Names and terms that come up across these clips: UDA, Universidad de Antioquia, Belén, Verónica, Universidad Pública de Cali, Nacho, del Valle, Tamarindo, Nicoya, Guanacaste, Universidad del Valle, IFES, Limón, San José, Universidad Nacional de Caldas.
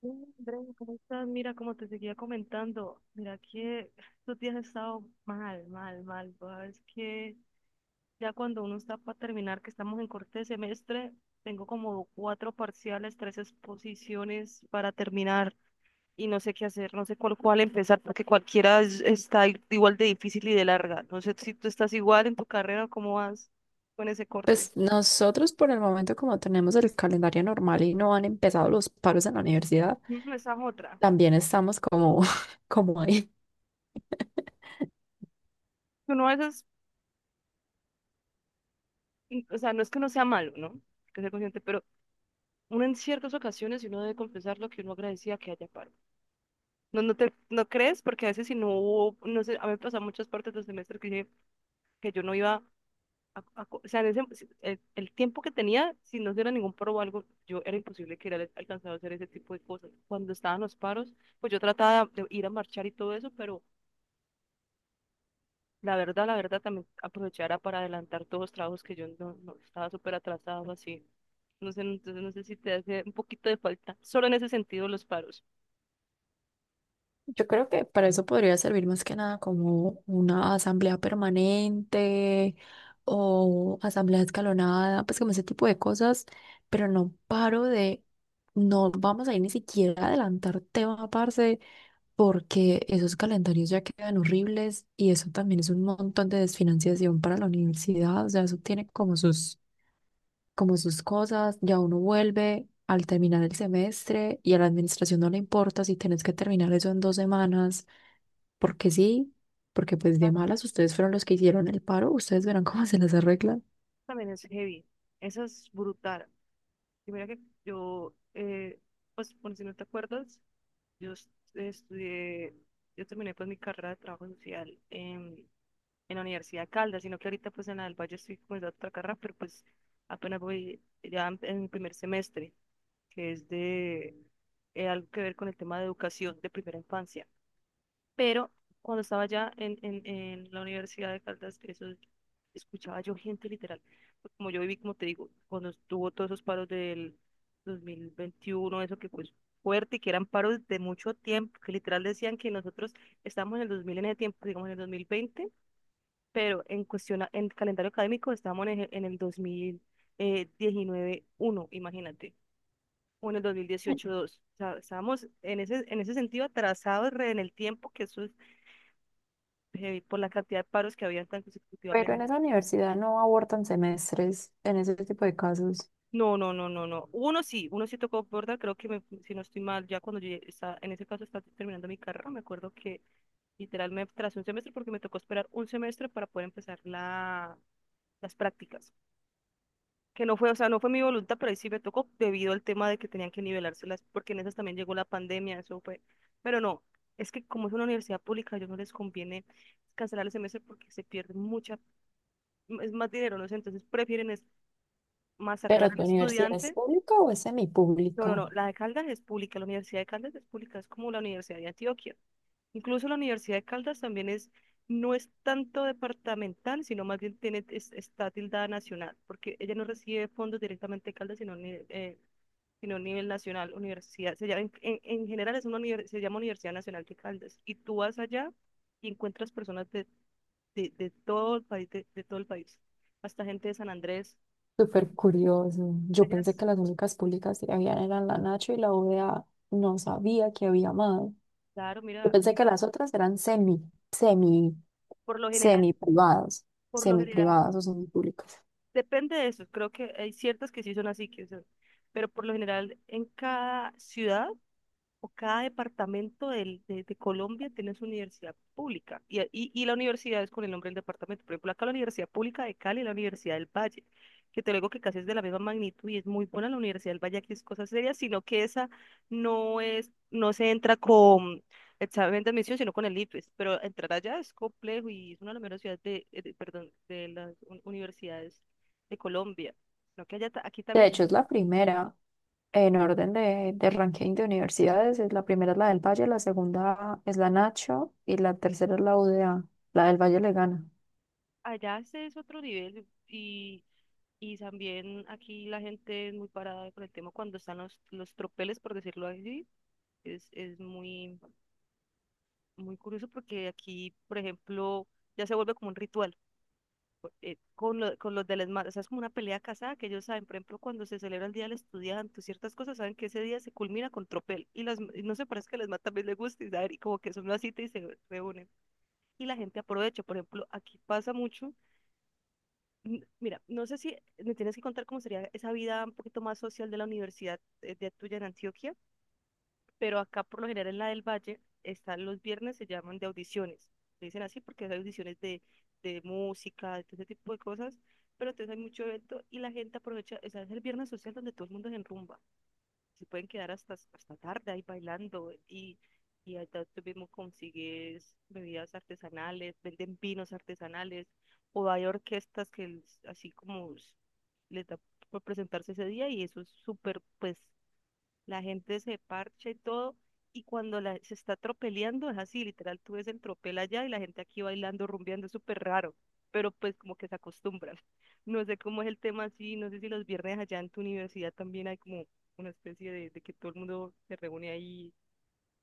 Sí, Andrea, ¿cómo estás? Mira, como te seguía comentando, mira que estos días he estado mal, mal, mal. Es que ya cuando uno está para terminar, que estamos en corte de semestre, tengo como cuatro parciales, tres exposiciones para terminar y no sé qué hacer, no sé cuál empezar, porque cualquiera está igual de difícil y de larga. No sé si tú estás igual en tu carrera o cómo vas con ese corte. Pues nosotros por el momento, como tenemos el calendario normal y no han empezado los paros en la universidad, Ujú, esa es otra. también estamos como, como ahí. Uno a veces, o sea, no es que no sea malo, ¿no? Hay que ser consciente, pero uno en ciertas ocasiones y uno debe confesar lo que uno agradecía que haya paro. No, no crees, porque a veces si no hubo, no sé, a mí me pasan muchas partes del semestre que, dije que yo no iba o sea, en ese, el tiempo que tenía, si no hubiera ningún paro o algo, yo era imposible que hubiera alcanzado a hacer ese tipo de cosas. Cuando estaban los paros, pues yo trataba de ir a marchar y todo eso, pero la verdad también aprovechara para adelantar todos los trabajos que yo no estaba súper atrasado así. No sé, entonces no sé si te hace un poquito de falta, solo en ese sentido los paros. Yo creo que para eso podría servir más que nada como una asamblea permanente o asamblea escalonada, pues como ese tipo de cosas, pero no paro de, no vamos a ir ni siquiera a adelantar tema, parce, porque esos calendarios ya quedan horribles y eso también es un montón de desfinanciación para la universidad, o sea, eso tiene como sus cosas, ya uno vuelve al terminar el semestre y a la administración no le importa si tenés que terminar eso en dos semanas, porque sí, porque pues de malas ustedes fueron los que hicieron el paro, ustedes verán cómo se les arregla. También es heavy. Esa es brutal. Y mira que yo, pues por si no te acuerdas, estudié, yo terminé pues mi carrera de trabajo social en la Universidad de Caldas, sino que ahorita pues en la del Valle estoy comenzando otra carrera, pero pues apenas voy ya en mi primer semestre, que es de algo que ver con el tema de educación de primera infancia. Pero cuando estaba allá en la Universidad de Caldas, eso escuchaba yo gente literal. Pues como yo viví, como te digo, cuando estuvo todos esos paros del 2021 eso que fue fuerte y que eran paros de mucho tiempo, que literal decían que nosotros estábamos en el 2000 en ese tiempo, digamos en el 2020 pero en cuestión, en calendario académico estábamos en, en el dos mil diecinueve uno imagínate, o en el 2018-2. O sea, estábamos en ese sentido atrasados re en el tiempo, que eso heavy por la cantidad de paros que habían tan Pero en consecutivamente. esa universidad no abortan semestres en ese tipo de casos. No, no, no, no, no. Uno sí tocó borda, creo que si no estoy mal, ya cuando yo ya estaba, en ese caso estaba terminando mi carrera, me acuerdo que literal me tras un semestre porque me tocó esperar un semestre para poder empezar las prácticas. Que no fue, o sea, no fue mi voluntad, pero ahí sí me tocó debido al tema de que tenían que nivelárselas, porque en esas también llegó la pandemia, eso fue. Pero no, es que como es una universidad pública, a ellos no les conviene cancelar el semestre porque se pierde mucha, es más dinero, no sé, entonces prefieren es masacrar ¿Pero al tu universidad es estudiante. pública o es No, no, semipública? no, la de Caldas es pública, la Universidad de Caldas es pública, es como la Universidad de Antioquia. Incluso la Universidad de Caldas también es, no es tanto departamental, sino más bien tiene, está tildada nacional, porque ella no recibe fondos directamente de Caldas, sino, sino a nivel nacional, universidad. Se llama, en, en general es una se llama Universidad Nacional de Caldas, y tú vas allá y encuentras personas de, de todo el país, de todo el país, hasta gente de San Andrés. Súper curioso. Yo Allá, pensé que las únicas públicas que habían eran la Nacho y la UDA. No sabía que había más. claro, Yo mira, pensé que las otras eran semi, semi, por lo general. semi privadas, Por lo semi general, privadas o semi públicas. depende de eso. Creo que hay ciertas que sí son así, que son, pero por lo general en cada ciudad o cada departamento de Colombia tiene su universidad pública y la universidad es con el nombre del departamento. Por ejemplo, acá la Universidad Pública de Cali y la Universidad del Valle, que te lo digo que casi es de la misma magnitud y es muy buena la Universidad del Valle, aquí es cosa seria, sino que esa no es, no se entra con examen de admisión, sino con el IFES, pero entrar allá es complejo y es una de las mejores ciudades de, perdón, de las universidades de Colombia. Lo que allá, aquí De también, hecho, es la primera en orden de ranking de universidades. Es la primera es la del Valle, la segunda es la Nacho y la tercera es la UDA. La del Valle le gana. allá se es otro nivel y Y también aquí la gente es muy parada con el tema cuando están los tropeles, por decirlo así. Es muy, muy curioso porque aquí, por ejemplo, ya se vuelve como un ritual con, con los de las o sea, es como una pelea casada que ellos saben, por ejemplo, cuando se celebra el Día del Estudiante, ciertas cosas, saben que ese día se culmina con tropel. Y las, y no sé, parece que a las también les gusta y, saben, y como que son una cita y se reúnen. Y la gente aprovecha, por ejemplo, aquí pasa mucho mira, no sé si me tienes que contar cómo sería esa vida un poquito más social de la universidad de tuya en Antioquia, pero acá por lo general en la del Valle están los viernes, se llaman de audiciones. Le dicen así porque hay audiciones de música, de todo ese tipo de cosas, pero entonces hay mucho evento y la gente aprovecha, o sea, es el viernes social donde todo el mundo se enrumba se pueden quedar hasta, hasta tarde ahí bailando y allá tú mismo consigues bebidas artesanales, venden vinos artesanales o hay orquestas que así como les da por presentarse ese día y eso es súper, pues la gente se parcha y todo, y cuando la, se está tropeleando es así, literal, tú ves el tropel allá y la gente aquí bailando, rumbeando, es súper raro, pero pues como que se acostumbran. No sé cómo es el tema así, no sé si los viernes allá en tu universidad también hay como una especie de que todo el mundo se reúne ahí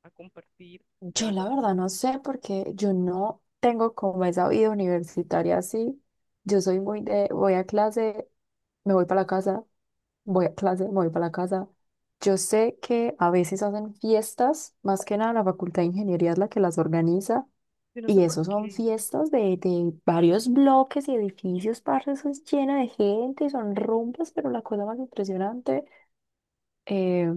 a compartir o Yo algo la verdad así. no sé porque yo no tengo como esa vida universitaria así. Yo soy muy de, voy a clase, me voy para la casa, voy a clase, me voy para la casa. Yo sé que a veces hacen fiestas, más que nada la Facultad de Ingeniería es la que las organiza, Yo no sé y por eso son qué fiestas de varios bloques y edificios, parce, eso es llena de gente, son rumbas, pero la cosa más impresionante. eh,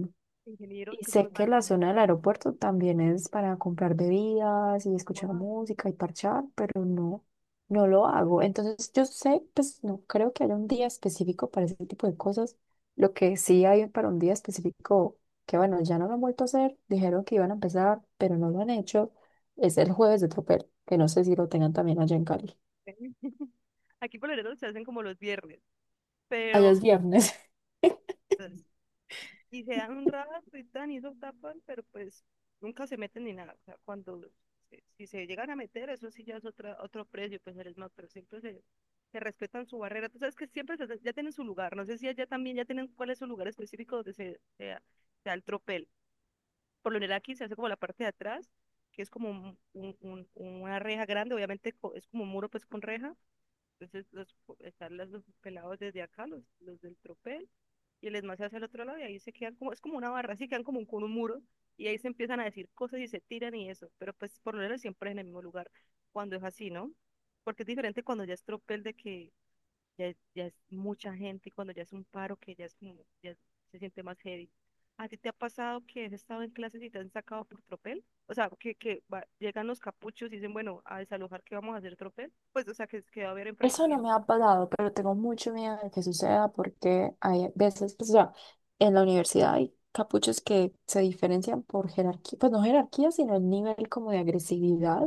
ingenieros y que son sé los más que la rumberos. zona del aeropuerto también es para comprar bebidas y escuchar Guau, música y parchar, pero no, no lo hago. Entonces yo sé, pues no creo que haya un día específico para ese tipo de cosas. Lo que sí hay para un día específico, que bueno, ya no lo han vuelto a hacer, dijeron que iban a empezar, pero no lo han hecho, es el jueves de tropel, que no sé si lo tengan también allá en Cali. aquí por lo general se hacen como los viernes, Allá es pero viernes. pues, y se dan un rato y tan, y eso tapan, pero pues nunca se meten ni nada. O sea, cuando si se llegan a meter, eso sí ya es otra, otro precio, pues eres más, pero siempre se, se respetan su barrera. Tú sabes que siempre ya tienen su lugar. No sé si allá también ya tienen cuál es su lugar específico donde se, se da el tropel. Por lo general aquí se hace como la parte de atrás, que es como una reja grande, obviamente es como un muro pues con reja entonces los, los pelados desde acá, los del tropel, y el esmalte hacia el otro lado, y ahí se quedan como, es como una barra, así quedan como con un muro, y ahí se empiezan a decir cosas y se tiran y eso, pero pues por lo menos siempre es en el mismo lugar, cuando es así, ¿no? Porque es diferente cuando ya es tropel de que ya es mucha gente y cuando ya es un paro que ya es como, ya es- se siente más heavy. ¿A ti te ha pasado que has estado en clases y te han sacado por tropel? O sea, que, llegan los capuchos y dicen, bueno, a desalojar, ¿qué vamos a hacer tropel? Pues, o sea, que va a haber Eso no me enfrentamientos. ha pasado, pero tengo mucho miedo de que suceda porque hay veces, pues, o sea, en la universidad hay capuchos que se diferencian por jerarquía, pues no jerarquía, sino el nivel como de agresividad.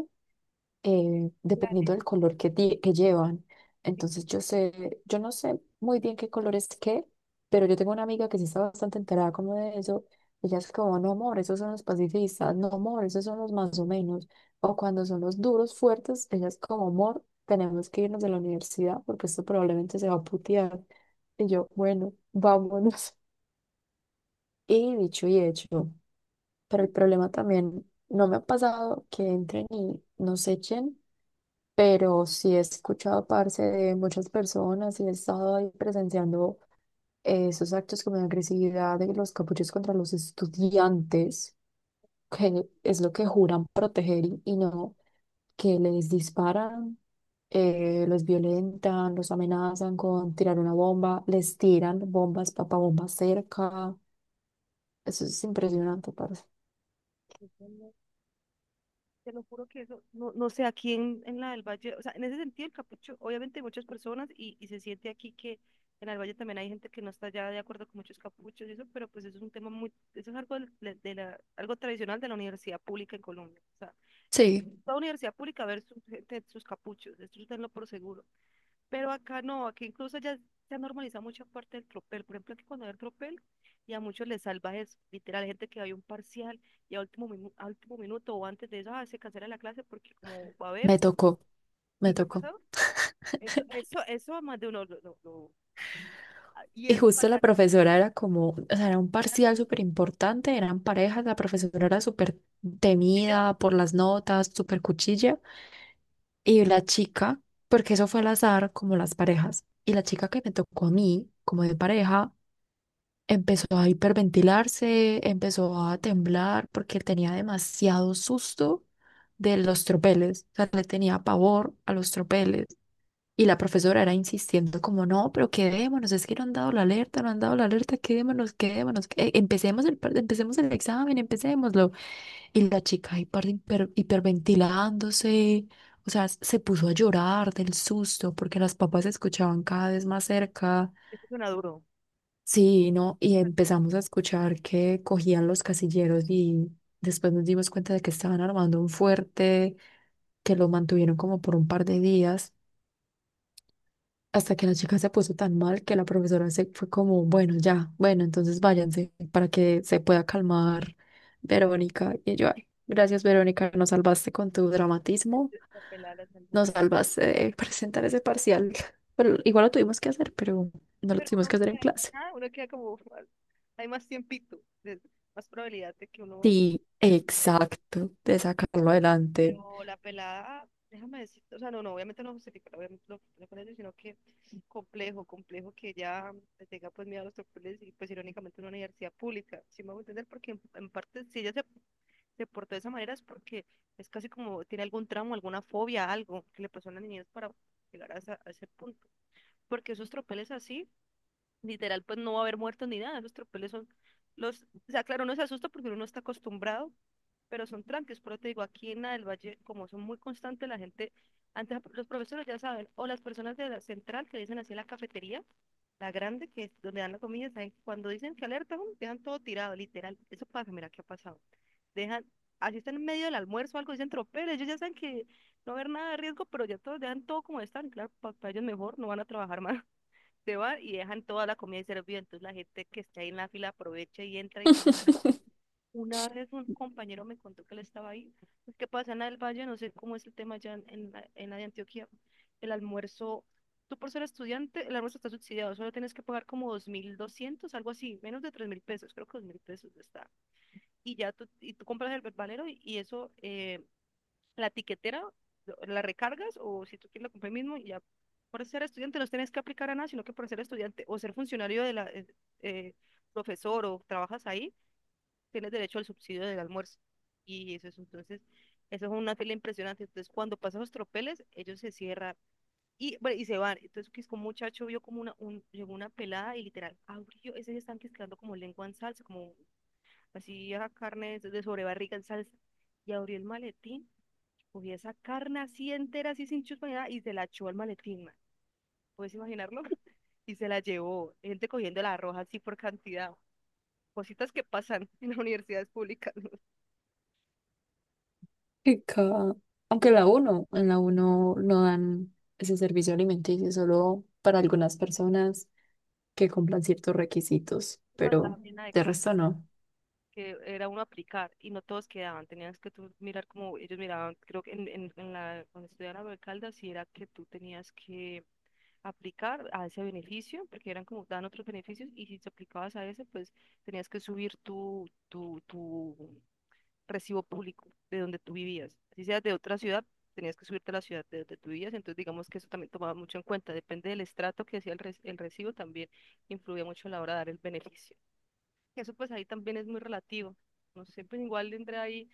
Dependiendo Planes. del color que, que llevan. Entonces yo sé, yo no sé muy bien qué color es qué, pero yo tengo una amiga que sí está bastante enterada como de eso. Ella es como, no amor, esos son los pacifistas, no amor, esos son los más o menos. O cuando son los duros, fuertes, ella es como, amor, tenemos que irnos de la universidad porque esto probablemente se va a putear. Y yo, bueno, vámonos. Y dicho y hecho. Pero el problema también, no me ha pasado que entren y nos echen, pero sí he escuchado parte de muchas personas y he estado ahí presenciando esos actos como de agresividad de los capuchos contra los estudiantes, que es lo que juran proteger y no, que les disparan, los violentan, los amenazan con tirar una bomba, les tiran bombas, papabombas cerca. Eso es impresionante, parce. Te lo juro que eso, no, no sé, aquí en la del Valle, o sea, en ese sentido el capucho, obviamente hay muchas personas y se siente aquí que en el Valle también hay gente que no está ya de acuerdo con muchos capuchos y eso, pero pues eso es un tema muy, eso es algo, de la, algo tradicional de la universidad pública en Colombia. O sea, Sí. en toda universidad pública ver su gente, sus capuchos, esto tenlo por seguro. Pero acá no, aquí incluso ya se ha normalizado mucha parte del tropel. Por ejemplo, aquí cuando hay el tropel, y a muchos les salva eso. Literal, hay gente que hay un parcial y a último, a último minuto o antes de eso, ah, se cancela la clase porque como va a haber, Me tocó, me ¿no te ha tocó. pasado? Eso, eso, eso a más de uno y Y eso justo pasa la acá. profesora era como, o sea, era un Ah, parcial pues, súper importante, eran parejas, la profesora era súper chilla, temida por las notas, súper cuchilla. Y la chica, porque eso fue al azar, como las parejas, y la chica que me tocó a mí, como de pareja, empezó a hiperventilarse, empezó a temblar porque tenía demasiado susto de los tropeles. O sea, le tenía pavor a los tropeles. Y la profesora era insistiendo como, no, pero quedémonos, es que no han dado la alerta, no han dado la alerta, quedémonos, quedémonos, empecemos empecemos el examen, empecémoslo. Y la chica hiperventilándose, o sea, se puso a llorar del susto porque las papas se escuchaban cada vez más cerca. eso suena duro. Sí, no, y empezamos a escuchar que cogían los casilleros y después nos dimos cuenta de que estaban armando un fuerte, que lo mantuvieron como por un par de días, hasta que la chica se puso tan mal que la profesora se fue como, bueno, ya, bueno, entonces váyanse para que se pueda calmar Verónica. Y yo, ay, gracias Verónica, nos salvaste con tu dramatismo, La pelada la salvó. nos salvaste de presentar ese parcial. Pero igual lo tuvimos que hacer, pero no lo Pero tuvimos uno que hacer en queda, clase. ah, uno queda como, hay más tiempito, de- más probabilidad de que uno... Sí, se recupere. exacto, de sacarlo adelante. Pero la pelada, déjame decir, o sea, no, no, obviamente no justifico con eso, sino que complejo, complejo que ella le tenga pues miedo a los doctores y pues irónicamente una universidad pública, si me voy a entender, porque en parte si se portó de esa manera es porque es casi como tiene algún tramo, alguna fobia, algo que le pasó a las niñez para llegar a ese punto. Porque esos tropeles así, literal, pues no va a haber muertos ni nada, esos tropeles son o sea, claro, uno se asusta porque uno no está acostumbrado, pero son tranques, pero te digo, aquí en la del Valle, como son muy constantes, la gente, antes los profesores ya saben, o las personas de la central que dicen así en la cafetería, la grande, que es donde dan la comida, saben, cuando dicen que alerta, ¡um! Dejan todo tirado, literal, eso pasa, mira qué ha pasado, dejan, así están en medio del almuerzo, o algo, dicen tropel, ellos ya saben que no va a haber nada de riesgo, pero ya todos dejan todo como están, y claro, para ellos mejor, no van a trabajar más. Se van y dejan toda la comida servida, entonces la gente que está ahí en la fila aprovecha y entra. Y una vez un compañero me contó que él estaba ahí. Es que pasa en el Valle, no sé cómo es el tema allá en la de Antioquia. El almuerzo, tú por ser estudiante, el almuerzo está subsidiado, solo tienes que pagar como 2.200 algo así, menos de 3.000 pesos, creo que 2.000 pesos está. Y ya tú, y tú compras el valero y eso, la tiquetera, la recargas o si tú quieres la compras mismo y ya. Por ser estudiante no tienes que aplicar a nada, sino que por ser estudiante o ser funcionario de la, eh, profesor o trabajas ahí, tienes derecho al subsidio del almuerzo. Y eso es entonces, eso es una fila impresionante. Entonces, cuando pasan los tropeles, ellos se cierran y, bueno, y se van. Entonces, que es como un muchacho vio como llegó una pelada y literal abrió, ese están quedando como lengua en salsa, como así a carne de sobrebarriga en salsa. Y abrió el maletín, cogía esa carne así entera, así sin chuspa ni nada, y se la echó al maletín, man. ¿Puedes imaginarlo? Y se la llevó, gente cogiendo la roja así por cantidad. Cositas que pasan en las universidades públicas. Qué ca- Aunque la uno, en la uno no dan ese servicio alimenticio solo para algunas personas que cumplan ciertos requisitos, Pasaba pero bien la de de resto carne. no. Que era uno aplicar y no todos quedaban, tenías que tú mirar como ellos miraban, creo que cuando estudiaba en Caldas, si era que tú tenías que aplicar a ese beneficio, porque eran como, dan otros beneficios y si te aplicabas a ese, pues tenías que subir tu recibo público de donde tú vivías, si seas de otra ciudad. Tenías que subirte a la ciudad de donde tú vivías, entonces digamos que eso también tomaba mucho en cuenta, depende del estrato que hacía el recibo, también influía mucho a la hora de dar el beneficio. Eso pues ahí también es muy relativo. No sé, pues igual entré ahí.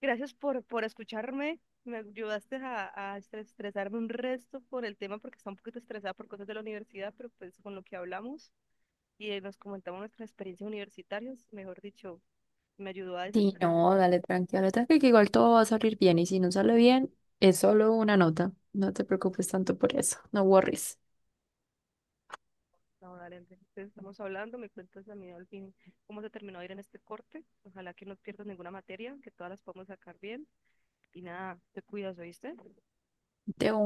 Gracias por escucharme. Me ayudaste a estresarme un resto por el tema, porque está un poquito estresada por cosas de la universidad, pero pues con lo que hablamos y nos comentamos nuestras experiencias universitarias, mejor dicho, me ayudó a Sí, desestresarme. no, dale tranquila, dale tranqui, que igual todo va a salir bien y si no sale bien, es solo una nota. No te preocupes tanto por eso, no worries. No, dale, Andrés, entonces estamos hablando, me cuentas a mí al fin cómo se terminó de ir en este corte. Ojalá que no pierdas ninguna materia, que todas las podamos sacar bien. Y nada, te cuidas, ¿oíste? De